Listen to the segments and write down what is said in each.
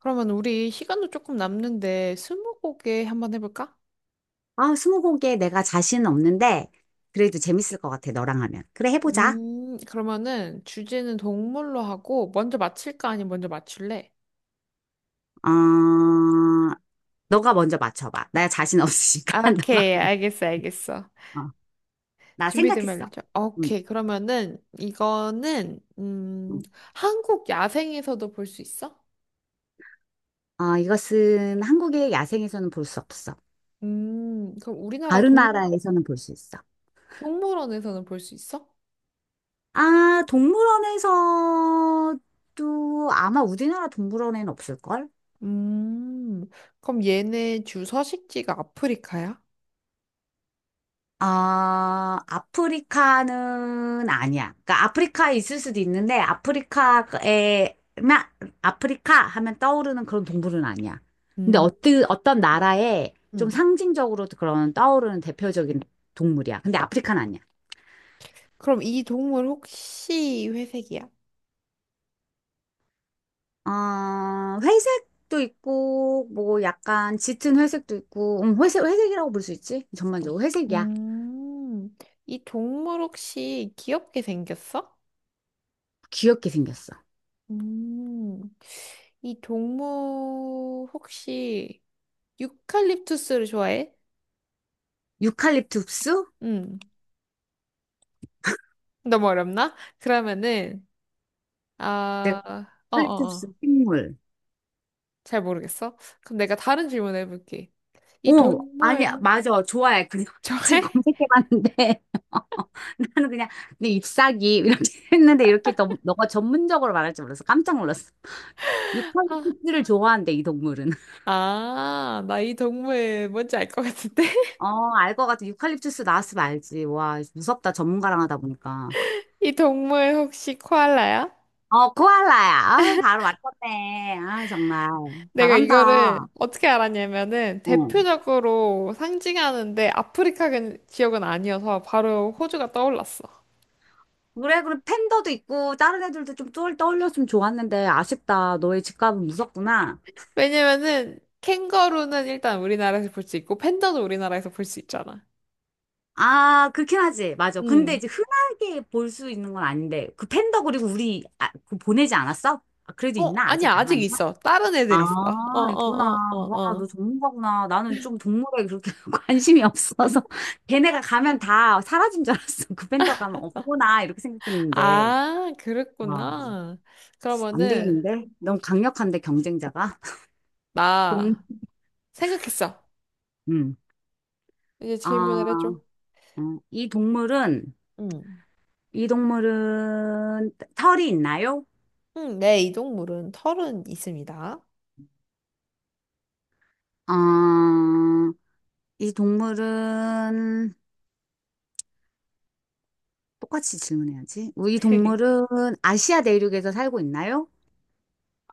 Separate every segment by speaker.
Speaker 1: 그러면 우리 시간도 조금 남는데 스무고개 한번 해볼까?
Speaker 2: 아, 스무고개 내가 자신은 없는데, 그래도 재밌을 것 같아, 너랑 하면. 그래, 해보자.
Speaker 1: 그러면은 주제는 동물로 하고 먼저 맞힐까 아니면 먼저 맞출래?
Speaker 2: 어, 너가 먼저 맞춰봐. 나 자신 없으니까,
Speaker 1: 아,
Speaker 2: 너가.
Speaker 1: 오케이, 알겠어, 알겠어.
Speaker 2: 어, 나
Speaker 1: 준비되면
Speaker 2: 생각했어.
Speaker 1: 알려줘.
Speaker 2: 응,
Speaker 1: 오케이, 그러면은 이거는.
Speaker 2: 응.
Speaker 1: 한국 야생에서도 볼 수 있어?
Speaker 2: 어, 이것은 한국의 야생에서는 볼 수 없어.
Speaker 1: 음, 그럼 우리나라
Speaker 2: 다른
Speaker 1: 동,
Speaker 2: 나라에서는 볼 수 있어.
Speaker 1: 동물원에서는 볼 수 있어?
Speaker 2: 아, 동물원에서도 아마 우리나라 동물원에는 없을걸?
Speaker 1: 음, 그럼 얘네 주 서식지가 아프리카야?
Speaker 2: 아, 아프리카는 아니야. 그러니까 아프리카에 있을 수도 있는데 아프리카에 마- 아프리카 하면 떠오르는 그런 동물은 아니야. 근데
Speaker 1: 음.
Speaker 2: 어떤 나라에 좀
Speaker 1: 음.
Speaker 2: 상징적으로 그런 떠오르는 대표적인 동물이야. 근데 아프리카는 아니야.
Speaker 1: 그럼 이 동물 혹시 회색이야?
Speaker 2: 어, 회색도 있고 뭐 약간 짙은 회색도 있고 회색 회색이라고 볼 수 있지? 전반적으로 회색이야.
Speaker 1: 음, 이 동물 혹시 귀엽게 생겼어?
Speaker 2: 귀엽게 생겼어.
Speaker 1: 음, 이 동물 혹시 유칼립투스를 좋아해?
Speaker 2: 유칼립투스?
Speaker 1: 음. 너무 어렵나? 그러면은
Speaker 2: 내가
Speaker 1: 아, 어, 어, 어.
Speaker 2: 유칼립투스 식물.
Speaker 1: 잘 모르겠어. 그럼 내가 다른 질문 해볼게. 이
Speaker 2: 어, 아니,
Speaker 1: 동물
Speaker 2: 맞아. 좋아해. 그냥 지금
Speaker 1: 좋아해?
Speaker 2: 검색해봤는데. 나는 그냥, 내 잎사귀, 이렇게 했는데, 이렇게 너가 전문적으로 말할 줄 몰라서 깜짝 놀랐어. 유칼립투스를 좋아한대, 이 동물은.
Speaker 1: 아, 나 이 동물 뭔지 알 것 같은데?
Speaker 2: 어, 알 것 같아. 유칼립투스 나왔으면 알지. 와, 무섭다. 전문가랑 하다 보니까.
Speaker 1: 이 동물 혹시 코알라야?
Speaker 2: 어, 코알라야. 아, 바로 맞췄네. 아, 정말.
Speaker 1: 내가 이거를
Speaker 2: 잘한다.
Speaker 1: 어떻게 알았냐면은
Speaker 2: 어.
Speaker 1: 대표적으로 상징하는데 아프리카 지역은 아니어서 바로 호주가 떠올랐어.
Speaker 2: 그래, 그래. 팬더도 있고, 다른 애들도 좀 떠올렸으면 좋았는데, 아쉽다. 너의 집값은 무섭구나.
Speaker 1: 왜냐면은 캥거루는 일단 우리나라에서 볼 수 있고 팬더도 우리나라에서 볼 수 있잖아.
Speaker 2: 아, 그렇긴 하지. 맞아. 근데
Speaker 1: 응.
Speaker 2: 이제 흔하게 볼 수 있는 건 아닌데, 그 팬더 그리고 우리, 아, 그 보내지 않았어? 아, 그래도
Speaker 1: 어,
Speaker 2: 있나?
Speaker 1: 아니
Speaker 2: 아직
Speaker 1: 아직
Speaker 2: 남아있나?
Speaker 1: 있어. 다른 애들
Speaker 2: 아,
Speaker 1: 있어. 어, 어,
Speaker 2: 있구나.
Speaker 1: 어,
Speaker 2: 와,
Speaker 1: 어,
Speaker 2: 너
Speaker 1: 어.
Speaker 2: 전문가구나. 나는 좀 동물에 그렇게 관심이 없어서. 걔네가 가면 다 사라진 줄 알았어. 그 팬더 가면 없구나. 이렇게 생각했는데.
Speaker 1: 아,
Speaker 2: 와,
Speaker 1: 그랬구나.
Speaker 2: 안
Speaker 1: 그러면은
Speaker 2: 되겠는데? 너무 강력한데, 경쟁자가. 동,
Speaker 1: 나 생각했어.
Speaker 2: 음.
Speaker 1: 이제
Speaker 2: 아,
Speaker 1: 질문을 해줘.
Speaker 2: 이 동물은,
Speaker 1: 응.
Speaker 2: 이 동물은 털이 있나요?
Speaker 1: 응, 내 이동물은 털은 있습니다.
Speaker 2: 아, 이 동물은 똑같이 질문해야지. 뭐 이 동물은 아시아 대륙에서 살고 있나요?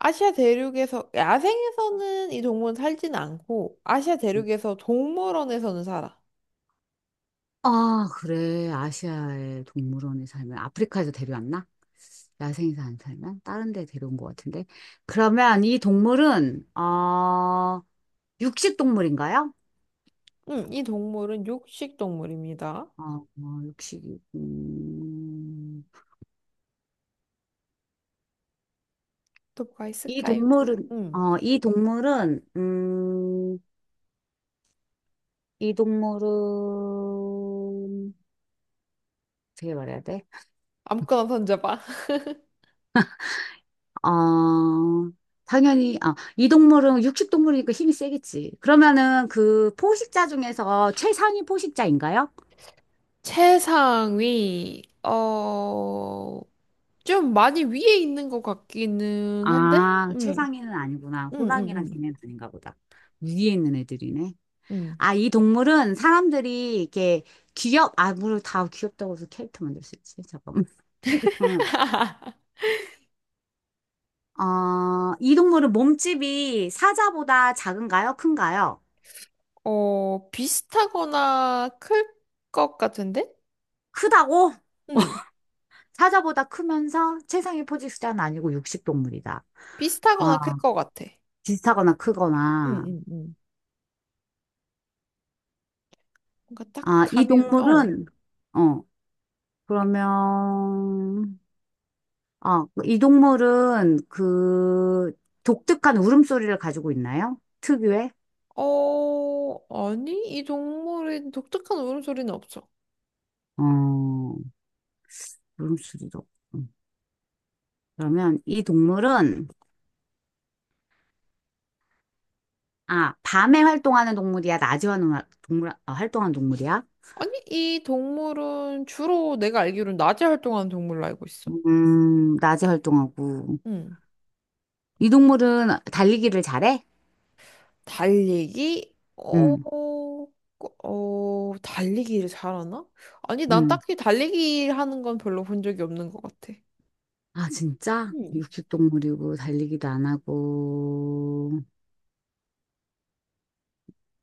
Speaker 1: 아시아 대륙에서, 야생에서는 이 동물은 살진 않고, 아시아
Speaker 2: 음.
Speaker 1: 대륙에서 동물원에서는 살아.
Speaker 2: 아, 그래. 아시아의 동물원에 살면 아프리카에서 데려왔나? 야생에서 안 살면 다른 데 데려온 것 같은데. 그러면 이 동물은 어 육식 동물인가요?
Speaker 1: 응, 이 동물은 육식 동물입니다.
Speaker 2: 어, 어 육식이
Speaker 1: 또 뭐가
Speaker 2: 이
Speaker 1: 있을까요?
Speaker 2: 동물은
Speaker 1: 응,
Speaker 2: 어 이 동물은 이 동물은 어떻게 말해야 돼?
Speaker 1: 아무거나 던져봐.
Speaker 2: 어, 당연히, 아, 이 동물은 육식동물이니까 힘이 세겠지. 그러면은 그 포식자 중에서 최상위 포식자인가요?
Speaker 1: 최상위, 좀 많이 위에 있는 것 같기는 한데?
Speaker 2: 아,
Speaker 1: 응,
Speaker 2: 최상위는 아니구나.
Speaker 1: 응, 응,
Speaker 2: 호랑이랑
Speaker 1: 응,
Speaker 2: 걔네는 아닌가 보다. 위에 있는 애들이네.
Speaker 1: 응.
Speaker 2: 아, 이 동물은 사람들이 이렇게 귀엽, 아, 물론 다 귀엽다고 해서 캐릭터 만들 수 있지. 잠깐만. 그러면, 어, 이 동물은 몸집이 사자보다 작은가요? 큰가요?
Speaker 1: 어, 비슷하거나 클 것 같은데?
Speaker 2: 크다고?
Speaker 1: 응,
Speaker 2: 사자보다 크면서 최상위 포식자는 아니고 육식동물이다. 와,
Speaker 1: 비슷하거나 클 것 같아.
Speaker 2: 비슷하거나
Speaker 1: 응,
Speaker 2: 크거나.
Speaker 1: 응. 응. 뭔가 딱
Speaker 2: 아, 이
Speaker 1: 가면, 어,
Speaker 2: 동물은, 어, 그러면, 아, 이 동물은 그 독특한 울음소리를 가지고 있나요? 특유의?
Speaker 1: 어, 아니, 이 동물의 독특한 울음소리는 없어.
Speaker 2: 어, 울음소리도. 없고. 그러면 이 동물은, 아, 밤에 활동하는 동물이야? 낮에 활동하는 동물이야?
Speaker 1: 아니, 이 동물은 주로 내가 알기로는 낮에 활동하는 동물로 알고 있어.
Speaker 2: 낮에 활동하고.
Speaker 1: 응.
Speaker 2: 이 동물은 달리기를 잘해?
Speaker 1: 달리기?
Speaker 2: 응.
Speaker 1: 달리기를 잘하나? 아니, 난
Speaker 2: 응.
Speaker 1: 딱히 달리기 하는 건 별로 본 적이 없는 것 같아.
Speaker 2: 아, 진짜?
Speaker 1: 음.
Speaker 2: 육식동물이고, 달리기도 안 하고,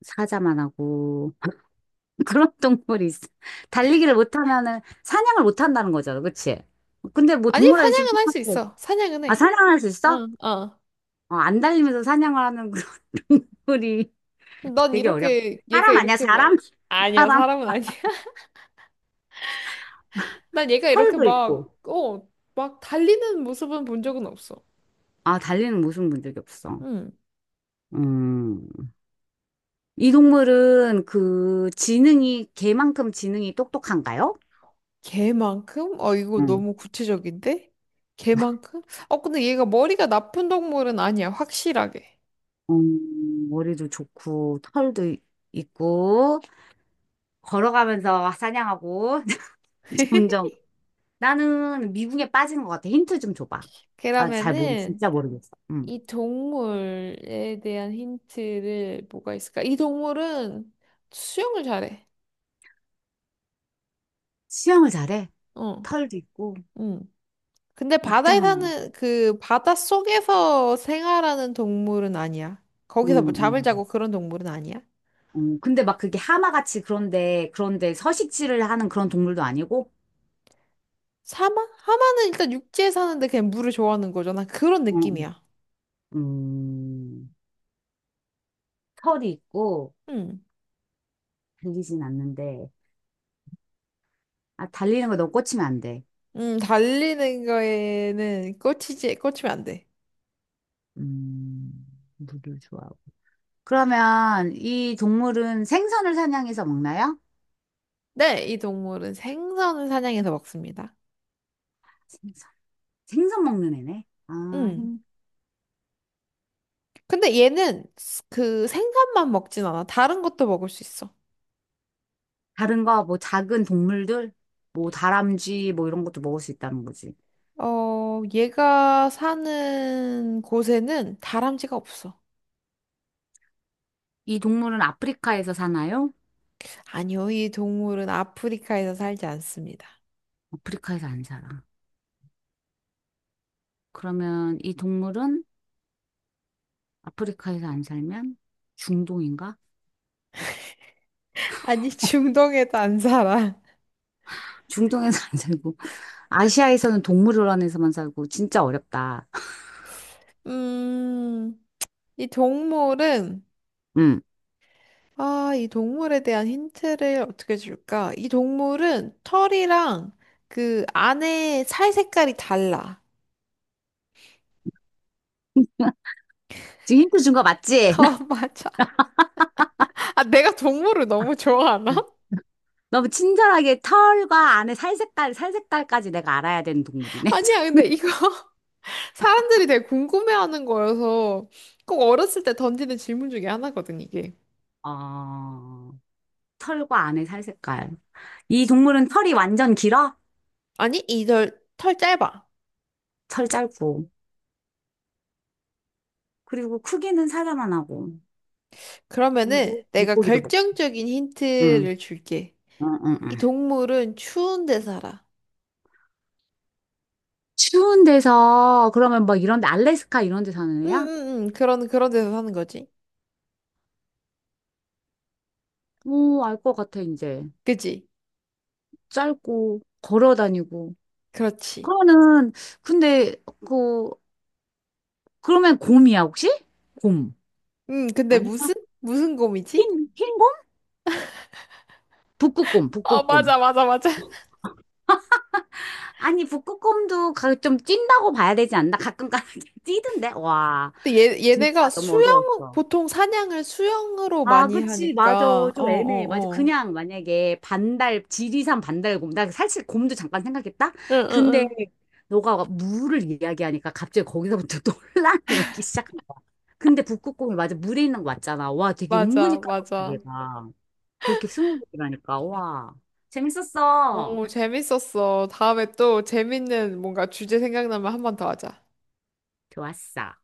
Speaker 2: 사자만 하고, 그런 동물이 있어. 달리기를 못하면은, 사냥을 못한다는 거잖아, 그치? 근데 뭐
Speaker 1: 아니,
Speaker 2: 동물원 있으면,
Speaker 1: 사냥은 할 수 있어. 사냥은
Speaker 2: 아,
Speaker 1: 해.
Speaker 2: 사냥할 수
Speaker 1: 어,
Speaker 2: 있어?
Speaker 1: 어.
Speaker 2: 어, 안 달리면서 사냥을 하는 그런 동물이
Speaker 1: 난
Speaker 2: 되게 어려워.
Speaker 1: 이렇게, 얘가
Speaker 2: 사람 아니야,
Speaker 1: 이렇게
Speaker 2: 사람?
Speaker 1: 막, 아니야,
Speaker 2: 사람.
Speaker 1: 사람은 아니야. 난 얘가 이렇게
Speaker 2: 털도
Speaker 1: 막,
Speaker 2: 있고.
Speaker 1: 어, 막 달리는 모습은 본 적은 없어.
Speaker 2: 아, 달리는 모습 본 적이 없어.
Speaker 1: 응.
Speaker 2: 음. 이 동물은 그 지능이, 개만큼 지능이 똑똑한가요?
Speaker 1: 개만큼? 이거
Speaker 2: 음.
Speaker 1: 너무 구체적인데? 개만큼? 어, 근데 얘가 머리가 나쁜 동물은 아니야, 확실하게.
Speaker 2: 머리도 좋고, 있고, 걸어가면서 사냥하고, 점점. 나는 미궁에 빠진 것 같아. 힌트 좀 줘봐. 나 잘 모르,
Speaker 1: 그러면은,
Speaker 2: 진짜 모르겠어. 응.
Speaker 1: 이 동물에 대한 힌트를 뭐가 있을까? 이 동물은 수영을 잘해.
Speaker 2: 수영을 잘해.
Speaker 1: 어,
Speaker 2: 털도 있고,
Speaker 1: 응. 근데 바다에
Speaker 2: 있다만.
Speaker 1: 사는, 바다 속에서 생활하는 동물은 아니야.
Speaker 2: 응,
Speaker 1: 거기서 뭐
Speaker 2: 응.
Speaker 1: 잠을
Speaker 2: 응.
Speaker 1: 자고 그런 동물은 아니야.
Speaker 2: 응. 근데 막 그게 하마같이 그런데, 그런데 서식지를 하는 그런 동물도 아니고,
Speaker 1: 사마? 하마는 일단 육지에 사는데 그냥 물을 좋아하는 거잖아. 그런
Speaker 2: 응. 응.
Speaker 1: 느낌이야.
Speaker 2: 털이 있고,
Speaker 1: 음.
Speaker 2: 달리진 않는데, 아, 달리는 거 너무 꽂히면 안 돼.
Speaker 1: 달리는 거에는 꽂히지, 꽂히면 안 돼.
Speaker 2: 음, 물을 좋아. 그러면 이 동물은 생선을 사냥해서 먹나요?
Speaker 1: 네, 이 동물은 생선을 사냥해서 먹습니다.
Speaker 2: 생선. 생선 먹는 애네. 아,
Speaker 1: 음.
Speaker 2: 생,
Speaker 1: 근데 얘는 그 생선만 먹진 않아. 다른 것도 먹을 수 있어.
Speaker 2: 다른 거, 뭐 작은 동물들, 뭐 다람쥐, 뭐 이런 것도 먹을 수 있다는 거지.
Speaker 1: 어, 얘가 사는 곳에는 다람쥐가 없어.
Speaker 2: 이 동물은 아프리카에서 사나요?
Speaker 1: 아니요, 이 동물은 아프리카에서 살지 않습니다.
Speaker 2: 아프리카에서 안 살아. 그러면 이 동물은 아프리카에서 안 살면 중동인가?
Speaker 1: 아니, 중동에도 안 살아.
Speaker 2: 중동에서 안 살고. 아시아에서는 동물원에서만 살고. 진짜 어렵다.
Speaker 1: 음. 이 동물은,
Speaker 2: 음,
Speaker 1: 아, 이 동물에 대한 힌트를 어떻게 줄까? 이 동물은 털이랑 그 안에 살 색깔이 달라.
Speaker 2: 지금 힌트 준 거 맞지?
Speaker 1: 아, 맞아. 아, 내가 동물을 너무 좋아하나?
Speaker 2: 너무 친절하게 털과 안에 살 색깔, 살 색깔까지 내가 알아야 되는 동물이네. 참.
Speaker 1: 아니야, 근데 이거 사람들이 되게 궁금해하는 거여서 꼭 어렸을 때 던지는 질문 중에 하나거든, 이게.
Speaker 2: 어, 털과 안에 살 색깔. 이 동물은 털이 완전 길어?
Speaker 1: 아니, 털 짧아.
Speaker 2: 털 짧고. 그리고 크기는 사자만 하고.
Speaker 1: 그러면은
Speaker 2: 그리고
Speaker 1: 내가
Speaker 2: 물고기도 먹고.
Speaker 1: 결정적인
Speaker 2: 응,
Speaker 1: 힌트를 줄게.
Speaker 2: 응, 응,
Speaker 1: 이
Speaker 2: 응.
Speaker 1: 동물은 추운 데 살아.
Speaker 2: 추운 데서, 그러면 막 이런 데, 알래스카 이런 데 사는
Speaker 1: 응,
Speaker 2: 애야?
Speaker 1: 응, 응. 그런 데서 사는 거지.
Speaker 2: 오, 알 것 같아, 이제.
Speaker 1: 그지?
Speaker 2: 짧고, 걸어 다니고.
Speaker 1: 그렇지.
Speaker 2: 그러면은, 근데, 그, 그러면 곰이야, 혹시? 곰.
Speaker 1: 근데
Speaker 2: 아니?
Speaker 1: 무슨? 무슨 곰이지?
Speaker 2: 흰 북극곰,
Speaker 1: 어,
Speaker 2: 북극곰.
Speaker 1: 맞아, 맞아, 맞아.
Speaker 2: 아니, 좀 찐다고 봐야 되지 않나? 가끔 가다 찌던데? 와,
Speaker 1: 근데
Speaker 2: 진짜
Speaker 1: 얘네가
Speaker 2: 너무 어려웠어.
Speaker 1: 보통 사냥을 수영으로
Speaker 2: 아,
Speaker 1: 많이
Speaker 2: 그치, 맞아.
Speaker 1: 하니까, 어, 어,
Speaker 2: 좀 애매해. 맞아.
Speaker 1: 어.
Speaker 2: 그냥 만약에 반달, 지리산 반달곰. 나 사실 곰도 잠깐 생각했다?
Speaker 1: 응, 응,
Speaker 2: 근데
Speaker 1: 응.
Speaker 2: 너가 물을 이야기하니까 갑자기 거기서부터 논란이 오기 시작한 거야. 근데 북극곰이 맞아. 물에 있는 거 맞잖아. 와, 되게
Speaker 1: 맞아,
Speaker 2: 은근히 까다롭다,
Speaker 1: 맞아.
Speaker 2: 얘가. 그렇게 스무고개라니까. 와, 재밌었어.
Speaker 1: 오, 재밌었어. 다음에 또 재밌는 뭔가 주제 생각나면 한 번 더 하자.
Speaker 2: 좋았어.